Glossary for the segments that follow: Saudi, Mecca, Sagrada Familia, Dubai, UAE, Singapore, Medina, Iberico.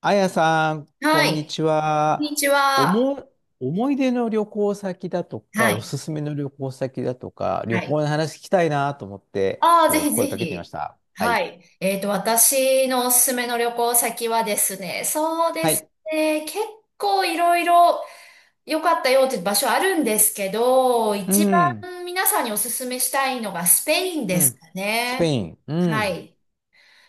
あやさん、こはんにい。ちこんには。ちおは。も、思い出の旅行先だとはか、おい。すすめの旅行先だとか、は旅行い。の話聞きたいなと思って、ちあょっあ、ぜとひぜ声かけてみましひ。た。ははい。い。私のおすすめの旅行先はですね、そうではすい。ね、結構いろいろ良かったよっていう場所あるんですけど、う一ん。番皆さんにおすすめしたいのがスペインうですん。かスペね。イン。うはん。い。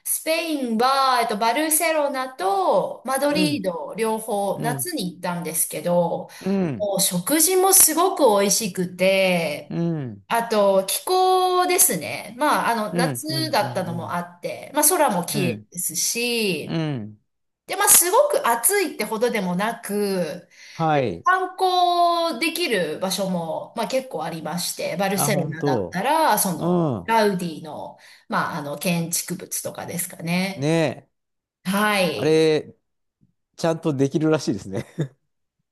スペインは、バルセロナとマドうリーん。ド両方う夏ん。に行ったんですけど、うん。もう食事もすごく美味しくて、うん。あと気候ですね。まあ、うん。夏うん。うだったのもん。あって、まあ空もう綺麗ん。ですうし、ん。で、まあ、すごく暑いってほどでもなく、はでもい。観光できる場所も、まあ、結構ありまして、バルあ、セロ本ナだった当。ら、うん。ガウディの、まあ、建築物とかですかね。ねえ。はあい。れ、ちゃんとできるらしいですね。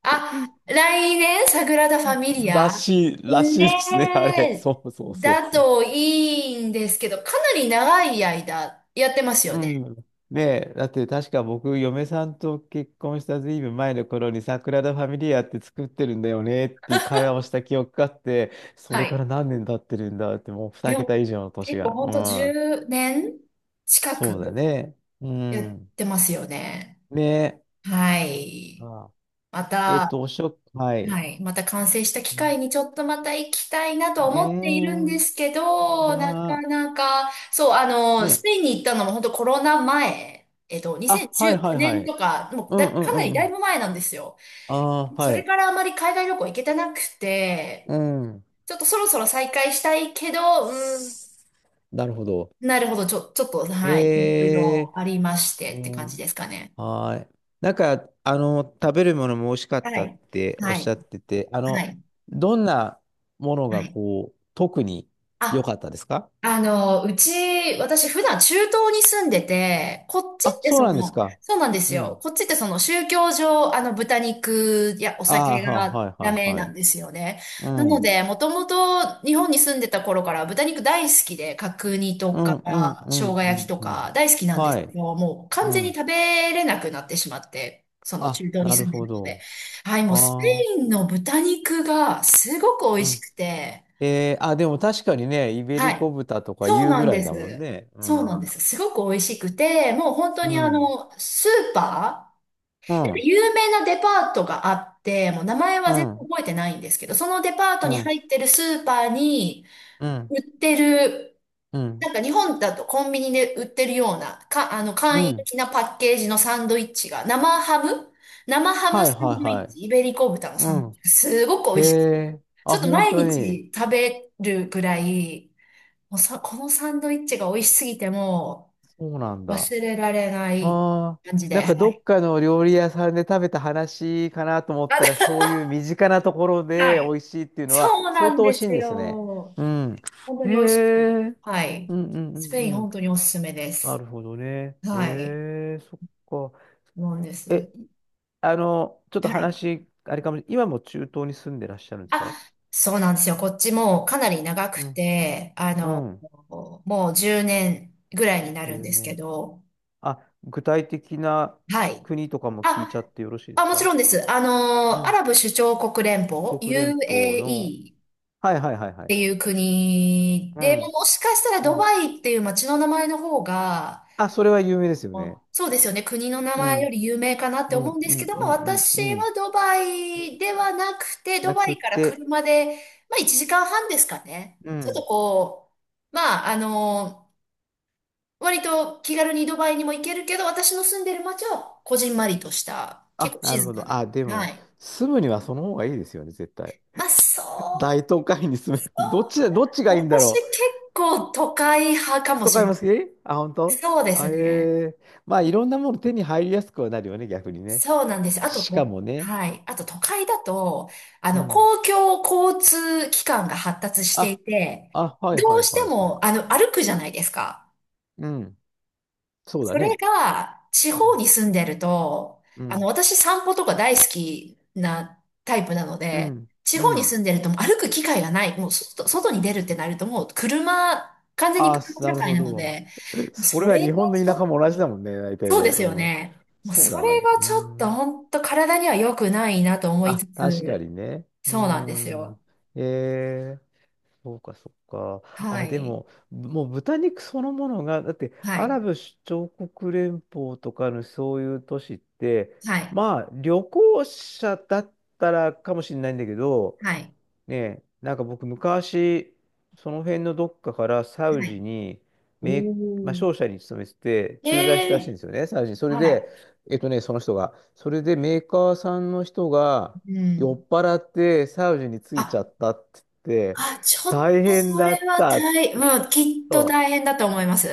あ、来年、サグラダ・ファミリらア。しい、らしねいですね、あれ。え、そうそうそうだそう。といいんですけど、かなり長い間やってますようね。ん。ねえ、だって確か僕、嫁さんと結婚したずいぶん前の頃に、サグラダ・ファミリアって作ってるんだよねっていう会話をした記憶があって、そはれからい。何年経ってるんだって、もう2で桁も、以上の年結構が。ほんうとん。10年近そうだくね。うやっん。てますよね。ねえ。はい。あ、まえっと、た、おしょ、はい。はい。また完成した機会にちょっとまた行きたいなとね思っているんでえ、すけど、なかが、なか、そう、ねスえ。ペインに行ったのも本当コロナ前、あ、はい2019はいは年い。とか、もううんだ、かうんうなりんうだいん。ぶ前なんですよ。ああ、そはれい。からあまり海外旅行行けてなくて、うん。ちょっとそろそろ再開したいけど、うん、なるほど。なるほど、ちょっと、はい。いろいえろありましー、てって感じね、ですかね。はーい。なんか、食べるものも美味しかっはたっい。ておっはしい。ゃってて、はい。どんなものはがい。こう、特に良あ、かったですか？あの、うち、私普段中東に住んでて、こっちあ、ってそうなんですか。そうなんですうよ。ん。こっちってその宗教上、豚肉やおあ酒あ、がはいはダいメはいなはんい。ですよね。うなのん。で、もともと日本に住んでた頃から豚肉大好きで、角煮とうか、んうんう生ん姜う焼きんとうん。か大好きなんですはけい。ど、もう完う全にん。食べれなくなってしまって、その中あ、東になる住んでほるので。ど。はい、もうスペああ。インの豚肉がすごく美う味しん。くて、えー、あ、でも確かにね、イベはリい。コ豚とかそう言うなぐんらでいだもんす。ね。うそうなんでん。す。すごく美味しくて、もう本当うにあん、の、スーパうー、ん、有名なデパートがあって、もう名前うは全然ん、覚えてないんですけど、そのデパートうにん、入ってるスーパーにうん、売ってる、うん、なんか日本だとコンビニで売ってるような、か、あの、う簡易ん。的なパッケージのサンドイッチが、生ハはムいサはンいドはイッい。チ、イベリコ豚のうサンドイッん。チ、すごく美へ味しい。え、ちあ、ょっと本毎当に。日食べるぐらい、もうさ、このサンドイッチが美味しすぎてもそうなんうだ。忘れられないああ、感じなで。んかはどい。っかの料理屋さんで食べた話かなと思 っあ、たら、そういう身近なところはで美い。味しいっていうのはそうな相ん当美で味しいすんですね。よ。うん。本当へに美味しいですね。え。はい。うんうんうスペインんうん。本当におすすめでなす。るほどね。へはい。え、そっか。なんです。え、ちょっとはい。話、あれかも、今も中東に住んでらっしゃるんですあ、か？そうなんですよ。こっちもうかなり長くうん。て、うん。もう10年ぐらいになるん10ですけ年。ど、あ、具体的なはい。国とかも聞いちゃあ、ってよろしいですもちか？ろんです。うアん。ラブ首長国連邦、国連邦の。UAE っはいはいはいはい。ていう国うで、ん。もしかしたらうドん。バイっていう街の名前の方が、あ、それは有名ですよね。あ、そうですよね、国の名う前よん。り有名かなってう思うんんでうすけんどうも、ん私うんうん。はドバイではなくて、ドなバくイからて、車で、まあ1時間半ですかね。うちょっとん。まあ割と気軽にドバイにも行けるけど、私の住んでる街はこじんまりとした、結あ、構なる静ほかど。な。あ、ではも、い。住むにはその方がいいですよね、絶対。まあ、そう、大都会に住そむ。どっちだ、どっちがう、いいんだ私ろ？結構都会派かもとし買いれなまい。すけあ、本当そうですあえね。ー、まあ、いろんなもの手に入りやすくはなるよね、逆にね。そうなんです。あと、しかもね。はい。あと、都会だと、うん。公共交通機関が発達していあ、て、あ、はどいはういしはていはい。も、歩くじゃないですか。うん。そうだそれね。が、地う方ん。に住んでると、うん。私散歩とか大好きなタイプなのうで、ん。地う方にん。住んでるともう歩く機会がない。もう外に出るってなるともう車、完全にあ、車社なる会ほなのど。で、それそはれ日本がのちょ田っ舎とも同じだもんね、大体そうで。ですようん。ね。もうそうそだれね。がうちょっとん。本当体には良くないなと思いあ、つ確かにつ、ね。うそうなんですん。よ。えーそうか、そうか。はあ、でい。も、ぶもう豚肉そのものが、だって、はアい。ラブ首長国連邦とかのそういう都市って、はい。まあ、旅行者だったらかもしれないんだけど、はい。ねえ、なんか僕昔、その辺のどっかからサウはジい。に、名まあ、商社に勤めてて、駐在しえたらしいんえ、ですよね、サウジに。それはで、い。その人が。それでメーカーさんの人がうん。酔っ払ってサウジに着いちあ、ゃったって言って、ちょっ大と変それだっはたっつっ大、て。うん、きっとそ大う変だと思います。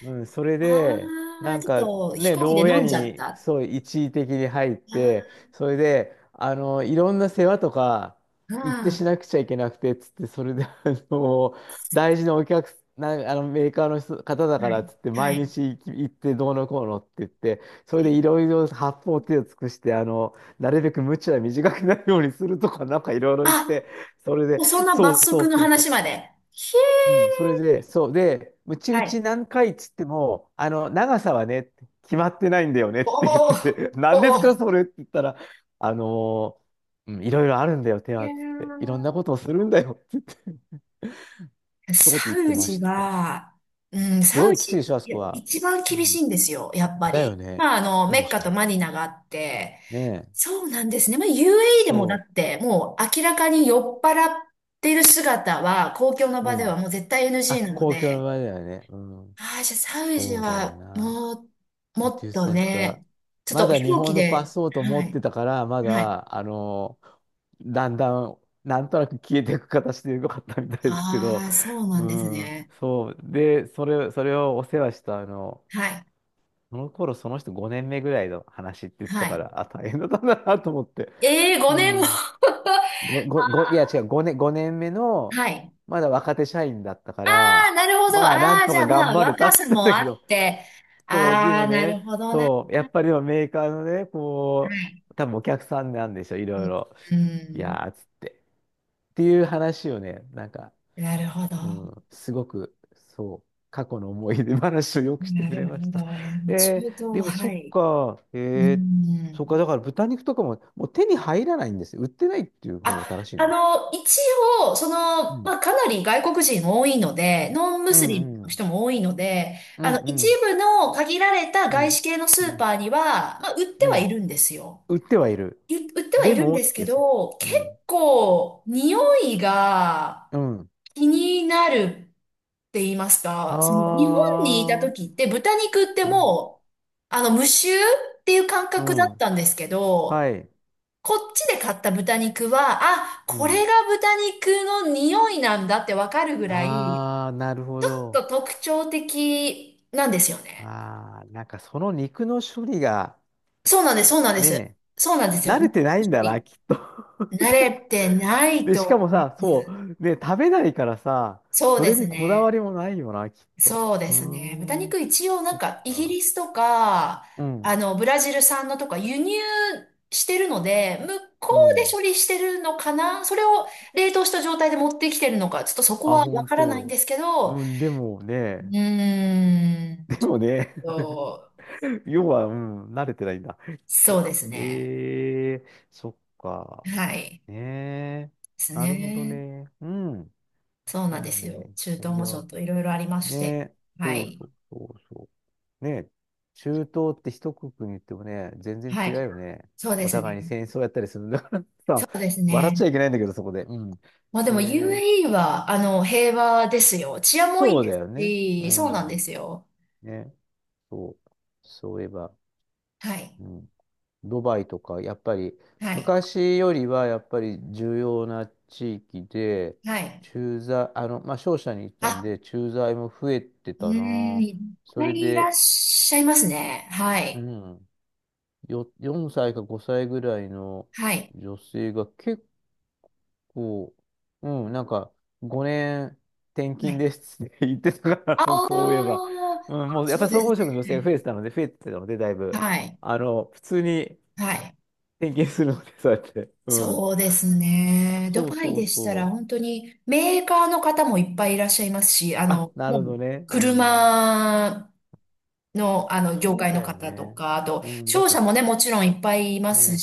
うん、それあで、なあ、んちょっかと飛ね、行機で牢飲屋んじゃっにた。あそう一時的に入って、それで、いろんな世話とか行ってしあ、なくちゃいけなくて、つって、それで、の、大事なお客な、メーカーの人方だうからっん。つって、は毎い。日行き行ってどうのこうのって言って、はそれでい。いろいろ八方手を尽くして、なるべく鞭は短くなるようにするとか、なんかいろいろ言っあ、て、それで、もうそんなそ罰うそう則のそうそう。話まで。ひうん、それで、えそう。で、うちー。打はちい。何回っつっても、長さはね、決まってないんだよねっおて言ってお、て、何ですか、おお。それって言ったら、あのうん、いろいろあるんだよ、手いはやって言って、いろんー、なことをするんだよって言って、そうってサ言ってウまジした。は、うん、すサごウいきついジ、でしょ、あそいやこは。一番う厳しん。いんですよ、やっぱだより。ね。まあ、そうメでッしカょとう。マニナがあって、ねえ。そうなんですね。まあ、UAE でそもだって、もう明らかに酔っ払ってる姿は、公共のう。場でうはん。もう絶対 あ、NG なの公共ので、場合だよね。うん。ああ、じゃあサウジそうだよは、な。もう、も宇っ宙スとタスタ。ね、ちょっまとだ飛日行本機のパで、スポート持はってい、たから、まはい。だ、だんだん、なんとなく消えていく形でよかったみたいですけど、ああ、そうなうんですん、ね。そう。で、それ、それをお世話した、はい、その頃、その人5年目ぐらいの話って言ってはたかい。ら、あ、大変だったんだなと思って。ええー、う5年も。ん。ご、ご、ご、いや、違う、5年、5年目の、はい。まだ若手社員だったかあら、あ、なるほど。まあ、なあんあ、とじゃかあま頑あ、張れた若ってさ言ってもたあけど、って。そう、であもあ、なるね、ほどな。はそう、やっぱりでもメーカーのね、こい。う、多分お客さんなんでしょ、いろいろ。ういん。やー、つって。っていう話をね、なんか、なるほど。うん、すごく、そう、過去の思い出話をよくしてなくるれほましど。た。中えー、でも東、そはっい。か、うえー、そっか、ん。だから豚肉とかも、もう手に入らないんですよ。売ってないっていう方があ、正しいの。一応、うん。まあ、かなり外国人多いので、ノンムうスリムんうのん。人も多いので、うんう一ん部の限られたう外ん。資系のうスーんパーには、まあ、売ってうはいん。るんですよ。売ってはいる。売ってはいでるんもでっすてけやつ。ど、う結ん。構、匂いが、うん。気になるって言いますか、その日本にいたあ時って豚肉ってあ、うん、もう、無臭っていう感う覚だっん、たんですけはど、い、こっちで買った豚肉は、あ、うこん。れが豚肉の匂いなんだってわかるぐらい、ああ、なるほちょっど。と特徴的なんですよね。ああ、なんかその肉の処理が、そうなんです、そうなんです。ね、そうなんですよ。慣れ日てないん本だな、人きっと。慣れてないで、としかも思いさ、まそす。う、ね、食べないからさ、そうそでれすにこだわね。りもないよな、きっと。そうでうすーね。豚ん、肉一応なそんっかイギか。リスとか、うん、ブラジル産のとか輸入してるので、向こううでん。処理してるのかな、それを冷凍した状態で持ってきてるのか、ちょっとそこあ、はわ本からないんで当。すけど、ううん、でもね、ーん、でちょっもね と、要は、うん、慣れてないんだ。きっそと。うですね。ええそっか。はい。でねえ。すなるほどね。ね。うん。そうでなんでもすね、よ。イ中タ東リもア。ちょっといろいろありまねして。え。はそうい。そうそうそう。ねえ。中東って一国に言ってもね、全然は違うい。よね。そうでおす互いにね。戦争やったりするんだからそさ、うです笑っちゃね。いけないんだけど、そこで。うん。まあでも ええ UAE は、平和ですよ。治安もいいそうでだすよね。うし、そうなんでん。すよ。ね。そう。そういえば。はい。うん、ドバイとか、やっぱりはい。昔よりはやっぱり重要な地域で、はい。駐在、まあ、商社に行ったんあ、で、駐在も増えてうーたん、な。いっそぱれいいらで、っしゃいますね。はうい。ん、よ、4歳か5歳ぐらいのはい。女性が結構、うん、なんか5年転は勤い。ですって言ってたかあら、そういえあ、ば。うん、もうやっそぱうりで総す合職の女性が増ね。えてたので、増えてたので、だいぶ。はい。普通にはい。点検するので、そうやって。うん。そうですね。ドそうバイそうでしたらそ本う。当にメーカーの方もいっぱいいらっしゃいますし、あ、なもるほうどね。うん。車の、業そう界だのよ方とね。か、あと、うん。だっ商て社もね、もちろんいっぱいいますね、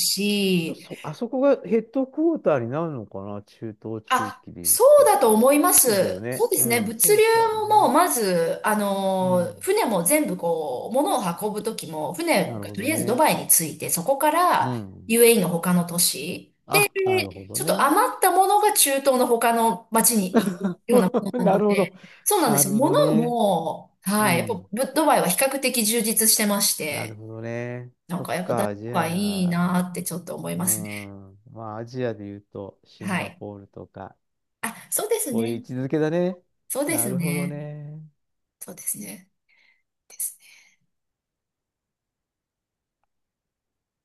人そ、あそこがヘッドクォーターになるのかな、中東地あ、域で言うそうと。だと思いまそうだよす。そね。うでうすね。ん、そ物流うだよも、ね。まず、うん。船も全部物を運ぶときも、な船るがほとどりあえずドね。バイに着いて、そこかうら ん。UAE の他の都市、あ、なるほどちょっとね。余ったものが中東の他の町に行くようなも のななのるほで、ど。そうなんでなするよ。ほど物ね。も、うはい、やっぱん。ドバイは比較的充実してましなるて、ほどね。なんそっかやっぱ誰かか、じがいゃいあ。なーってちょっと思いうますね。ん。まあ、アジアで言うと、シンはガい。ポールとか、あ、そうですそういう位ね。置づけだね。そうでなするほどね。ね。そうですね。です